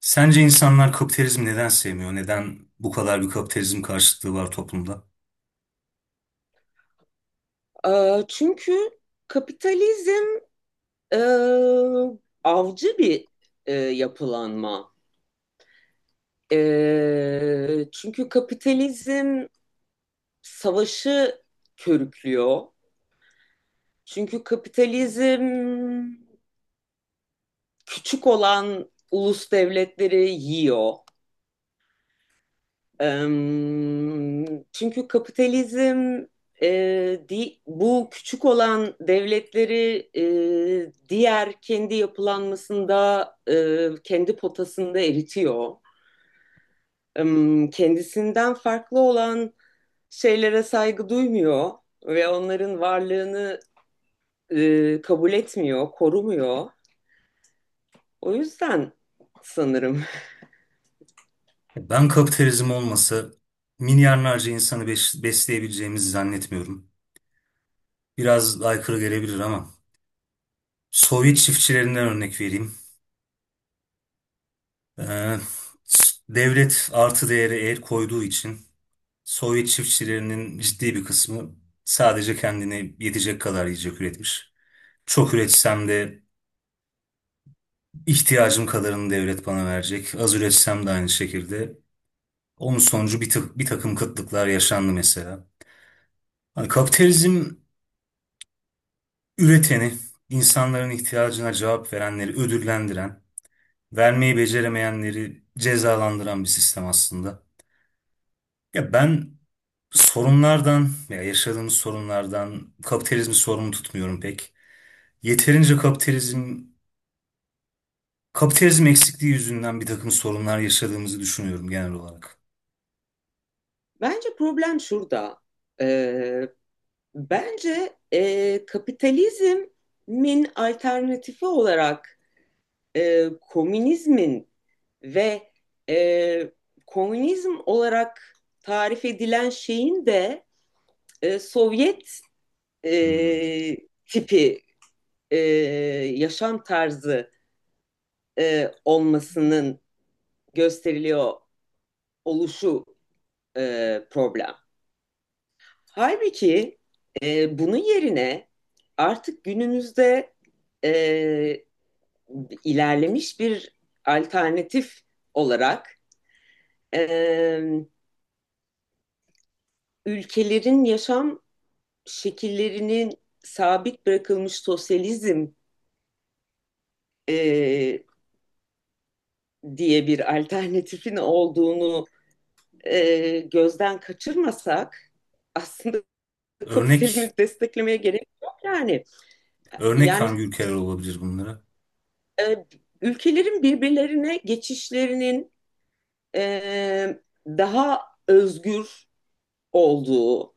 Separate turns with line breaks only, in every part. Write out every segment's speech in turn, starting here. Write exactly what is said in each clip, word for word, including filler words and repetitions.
Sence insanlar kapitalizmi neden sevmiyor? Neden bu kadar bir kapitalizm karşıtlığı var toplumda?
Ee, Çünkü kapitalizm e, avcı bir e, yapılanma. E, çünkü kapitalizm savaşı körüklüyor. Çünkü kapitalizm küçük olan ulus devletleri yiyor. Em, Çünkü kapitalizm e, di- bu küçük olan devletleri e, diğer kendi yapılanmasında, e, kendi potasında eritiyor. Em, Kendisinden farklı olan şeylere saygı duymuyor ve onların varlığını e, kabul etmiyor, korumuyor. O yüzden sanırım.
Ben kapitalizm olmasa milyarlarca insanı beş- besleyebileceğimizi zannetmiyorum. Biraz aykırı gelebilir ama Sovyet çiftçilerinden örnek vereyim. Ee, s- Devlet artı değere el koyduğu için Sovyet çiftçilerinin ciddi bir kısmı sadece kendine yetecek kadar yiyecek üretmiş. Çok üretsem de ihtiyacım kadarını devlet bana verecek. Az üretsem de aynı şekilde. Onun sonucu bir, ta- bir takım kıtlıklar yaşandı mesela. Hani kapitalizm üreteni, insanların ihtiyacına cevap verenleri ödüllendiren, vermeyi beceremeyenleri cezalandıran bir sistem aslında. Ya ben sorunlardan ya yaşadığımız sorunlardan kapitalizmi sorumlu tutmuyorum pek. Yeterince kapitalizm kapitalizm eksikliği yüzünden bir takım sorunlar yaşadığımızı düşünüyorum genel olarak.
Bence problem şurada. E, Bence e, kapitalizmin alternatifi olarak e, komünizmin ve e, komünizm olarak tarif edilen şeyin de e, Sovyet
Hmm.
e, tipi e, yaşam tarzı e, olmasının gösteriliyor oluşu e, problem. Halbuki e, bunun yerine artık günümüzde e, ilerlemiş bir alternatif olarak e, ülkelerin yaşam şekillerinin sabit bırakılmış sosyalizm e, diye bir alternatifin olduğunu e, gözden kaçırmasak aslında kapitalizmi
Örnek
desteklemeye gerek yok yani.
örnek
Yani
hangi ülkeler olabilir bunlara?
e, ülkelerin birbirlerine geçişlerinin e, daha özgür olduğu,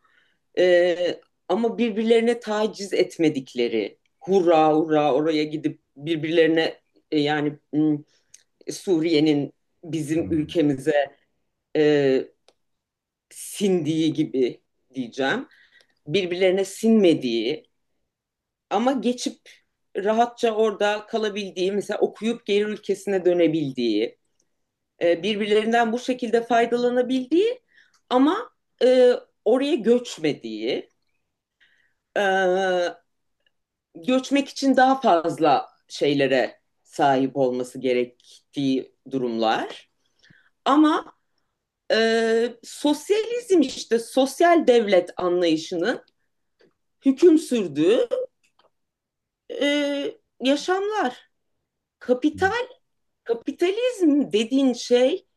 Ee, ama birbirlerine taciz etmedikleri, hurra hurra oraya gidip birbirlerine e, yani Suriye'nin bizim
Hmm.
ülkemize e, sindiği gibi diyeceğim. Birbirlerine sinmediği ama geçip rahatça orada kalabildiği, mesela okuyup geri ülkesine dönebildiği, e, birbirlerinden bu şekilde faydalanabildiği ama e, oraya göçmediği, e, göçmek için daha fazla şeylere sahip olması gerektiği durumlar. Ama e, sosyalizm işte sosyal devlet anlayışının hüküm sürdüğü e, yaşamlar. Kapital,
Hmm.
kapitalizm dediğin şey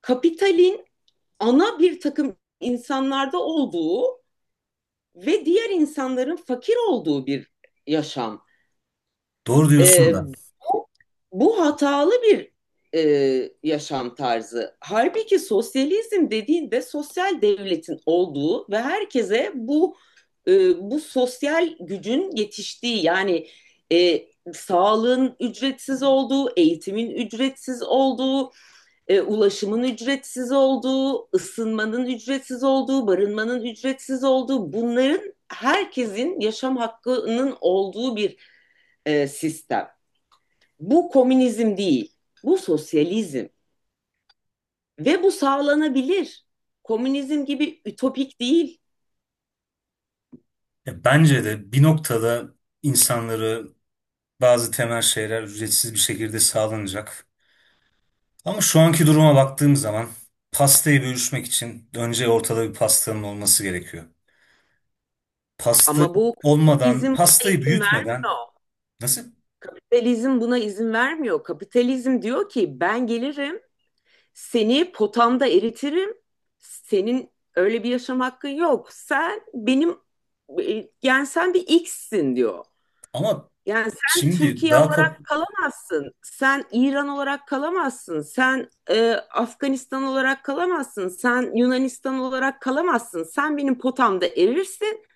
kapitalin ana bir takım insanlarda olduğu ve diğer insanların fakir olduğu bir yaşam.
Doğru diyorsun
E,
da.
bu, bu hatalı bir e, yaşam tarzı. Halbuki sosyalizm dediğinde sosyal devletin olduğu ve herkese bu e, bu sosyal gücün yetiştiği yani e, sağlığın ücretsiz olduğu, eğitimin ücretsiz olduğu, e, ulaşımın ücretsiz olduğu, ısınmanın ücretsiz olduğu, barınmanın ücretsiz olduğu bunların herkesin yaşam hakkının olduğu bir e, sistem. Bu komünizm değil. Bu sosyalizm ve bu sağlanabilir. Komünizm gibi ütopik değil.
Ya bence de bir noktada insanları bazı temel şeyler ücretsiz bir şekilde sağlanacak. Ama şu anki duruma baktığım zaman pastayı bölüşmek için önce ortada bir pastanın olması gerekiyor. Pasta
Ama bu kapitalizm
olmadan,
buna
pastayı
izin
büyütmeden
vermiyor.
nasıl?
Kapitalizm buna izin vermiyor. Kapitalizm diyor ki ben gelirim, seni potamda eritirim. Senin öyle bir yaşam hakkın yok. Sen benim e, yani sen bir X'sin diyor.
Ama
Yani sen
şimdi
Türkiye
daha kap
olarak kalamazsın, sen İran olarak kalamazsın, sen e, Afganistan olarak kalamazsın, sen Yunanistan olarak kalamazsın. Sen benim potamda erirsin,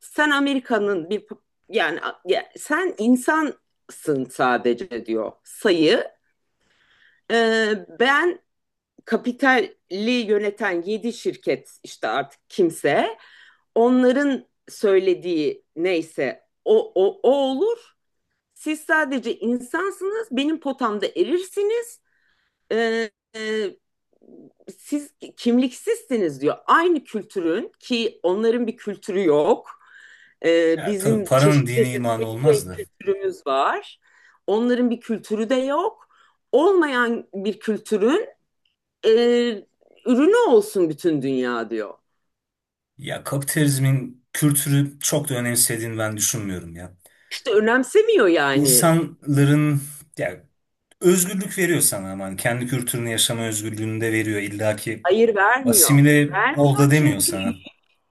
sen Amerika'nın bir yani ya- sen insansın sadece diyor sayı. E, ben kapitali yöneten yedi şirket işte artık kimse onların söylediği neyse o, o, o olur. Siz sadece insansınız, benim potamda erirsiniz. Ee, e, siz kimliksizsiniz diyor. Aynı kültürün ki onların bir kültürü yok. Ee,
Ya tabii
bizim
paranın
çeşit
dini
çeşit
imanı olmaz
pek
da.
kültürümüz var. Onların bir kültürü de yok. Olmayan bir kültürün e, ürünü olsun bütün dünya diyor.
Ya kapitalizmin kültürü çok da önemsediğini ben düşünmüyorum ya.
İşte önemsemiyor yani.
İnsanların ya özgürlük veriyor sana aman. Kendi kültürünü yaşama özgürlüğünü de veriyor. İlla ki
Hayır, vermiyor.
asimile ol
Vermiyor
da demiyor
çünkü
sana.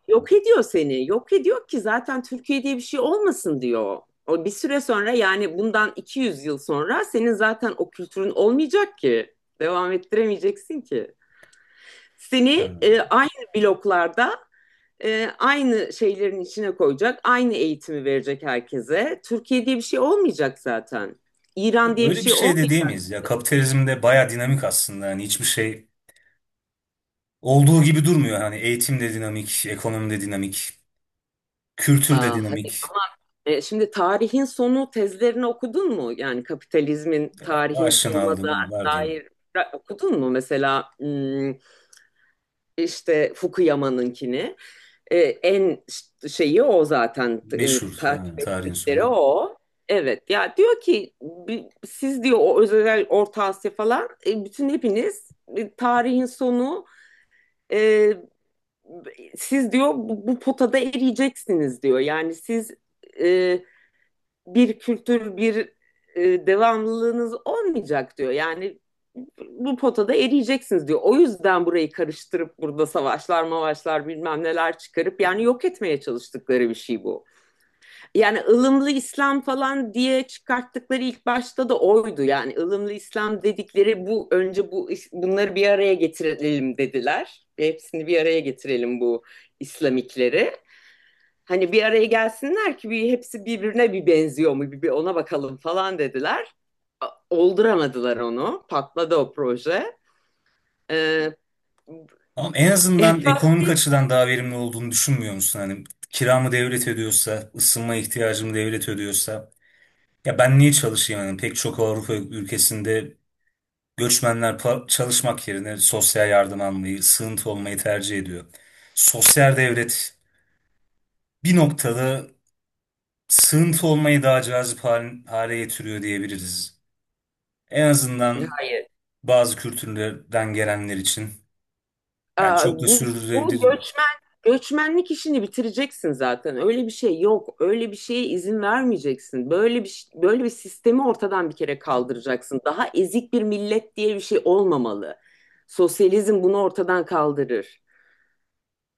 yok ediyor seni. Yok ediyor ki zaten Türkiye diye bir şey olmasın diyor. O bir süre sonra yani bundan iki yüz yıl sonra senin zaten o kültürün olmayacak ki. Devam ettiremeyeceksin ki. Seni
Yani
e, aynı bloklarda e, aynı şeylerin içine koyacak, aynı eğitimi verecek herkese. Türkiye diye bir şey olmayacak zaten.
yok,
İran diye bir
Öyle bir
şey
şey de
olmayacak.
diyemeyiz ya. Kapitalizm de baya dinamik aslında. Yani hiçbir şey olduğu gibi durmuyor. Hani eğitim de dinamik, ekonomi de dinamik, kültür de
Aa,
dinamik.
E, şimdi tarihin sonu tezlerini okudun mu? Yani kapitalizmin tarihin
Aşina
sonuna da
aldım var diyeyim.
dair ra- okudun mu? Mesela hmm, işte Fukuyama'nınkini. E, en ş- şeyi o zaten e,
Meşhur yani
takip
tarihin
ettikleri
sonu.
o. Evet ya, diyor ki bi- siz diyor o özel Orta Asya falan e, bütün hepiniz e, tarihin sonu e, siz diyor bu, bu potada eriyeceksiniz diyor. Yani siz e, bir kültür, bir e, devamlılığınız olmayacak diyor. Yani bu potada eriyeceksiniz diyor. O yüzden burayı karıştırıp burada savaşlar, mavaşlar bilmem neler çıkarıp yani yok etmeye çalıştıkları bir şey bu. Yani ılımlı İslam falan diye çıkarttıkları ilk başta da oydu. Yani ılımlı İslam dedikleri bu önce bu bunları bir araya getirelim dediler. Hepsini bir araya getirelim bu İslamikleri. Hani bir araya gelsinler ki bir hepsi birbirine bir benziyor mu bir, bir ona bakalım falan dediler. Olduramadılar onu. Patladı o proje. Ee,
Ama en azından ekonomik açıdan daha verimli olduğunu düşünmüyor musun? Hani kiramı devlet ödüyorsa, ısınma ihtiyacımı devlet ödüyorsa ya ben niye çalışayım? Yani pek çok Avrupa ülkesinde göçmenler pa- çalışmak yerine sosyal yardım almayı, sığıntı olmayı tercih ediyor. Sosyal devlet bir noktada sığıntı olmayı daha cazip hal- hale getiriyor diyebiliriz. En azından
hayır.
bazı kültürlerden gelenler için. Yani
Aa,
çok da
bu, bu
sürdürülebilir.
göçmen göçmenlik işini bitireceksin zaten. Öyle bir şey yok. Öyle bir şeye izin vermeyeceksin. Böyle bir böyle bir sistemi ortadan bir kere kaldıracaksın. Daha ezik bir millet diye bir şey olmamalı. Sosyalizm bunu ortadan kaldırır.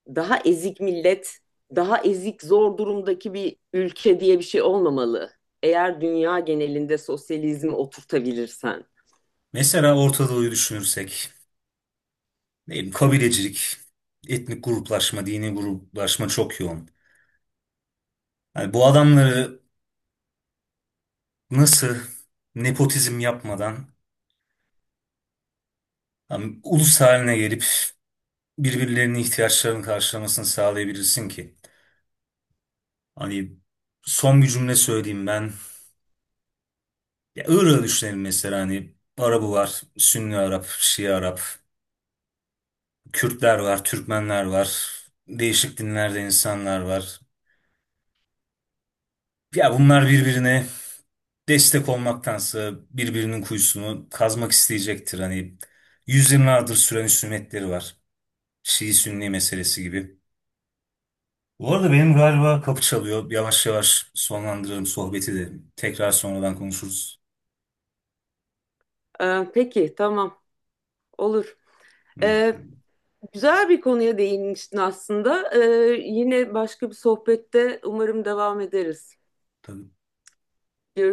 Daha ezik millet, daha ezik zor durumdaki bir ülke diye bir şey olmamalı. Eğer dünya genelinde sosyalizmi oturtabilirsen.
Mesela Orta Doğu'yu düşünürsek, ne bileyim, kabilecilik, etnik gruplaşma, dini gruplaşma çok yoğun. Yani bu adamları nasıl nepotizm yapmadan hani ulus haline gelip birbirlerinin ihtiyaçlarını karşılamasını sağlayabilirsin ki? Hani son bir cümle söyleyeyim ben. Ya Irak'ı düşünelim mesela, hani Arabı var, Sünni Arap, Şii Arap, Kürtler var, Türkmenler var, değişik dinlerde insanlar var. Ya bunlar birbirine destek olmaktansa birbirinin kuyusunu kazmak isteyecektir. Hani yüzyıllardır süren husumetleri var. Şii Sünni meselesi gibi. Bu arada benim galiba kapı çalıyor. Yavaş yavaş sonlandıralım sohbeti de. Tekrar sonradan konuşuruz.
Ee, peki, tamam, olur.
Hı,
Ee, güzel bir konuya değinmiştin aslında. Ee, yine başka bir sohbette umarım devam ederiz.
tabii.
Görüşürüz.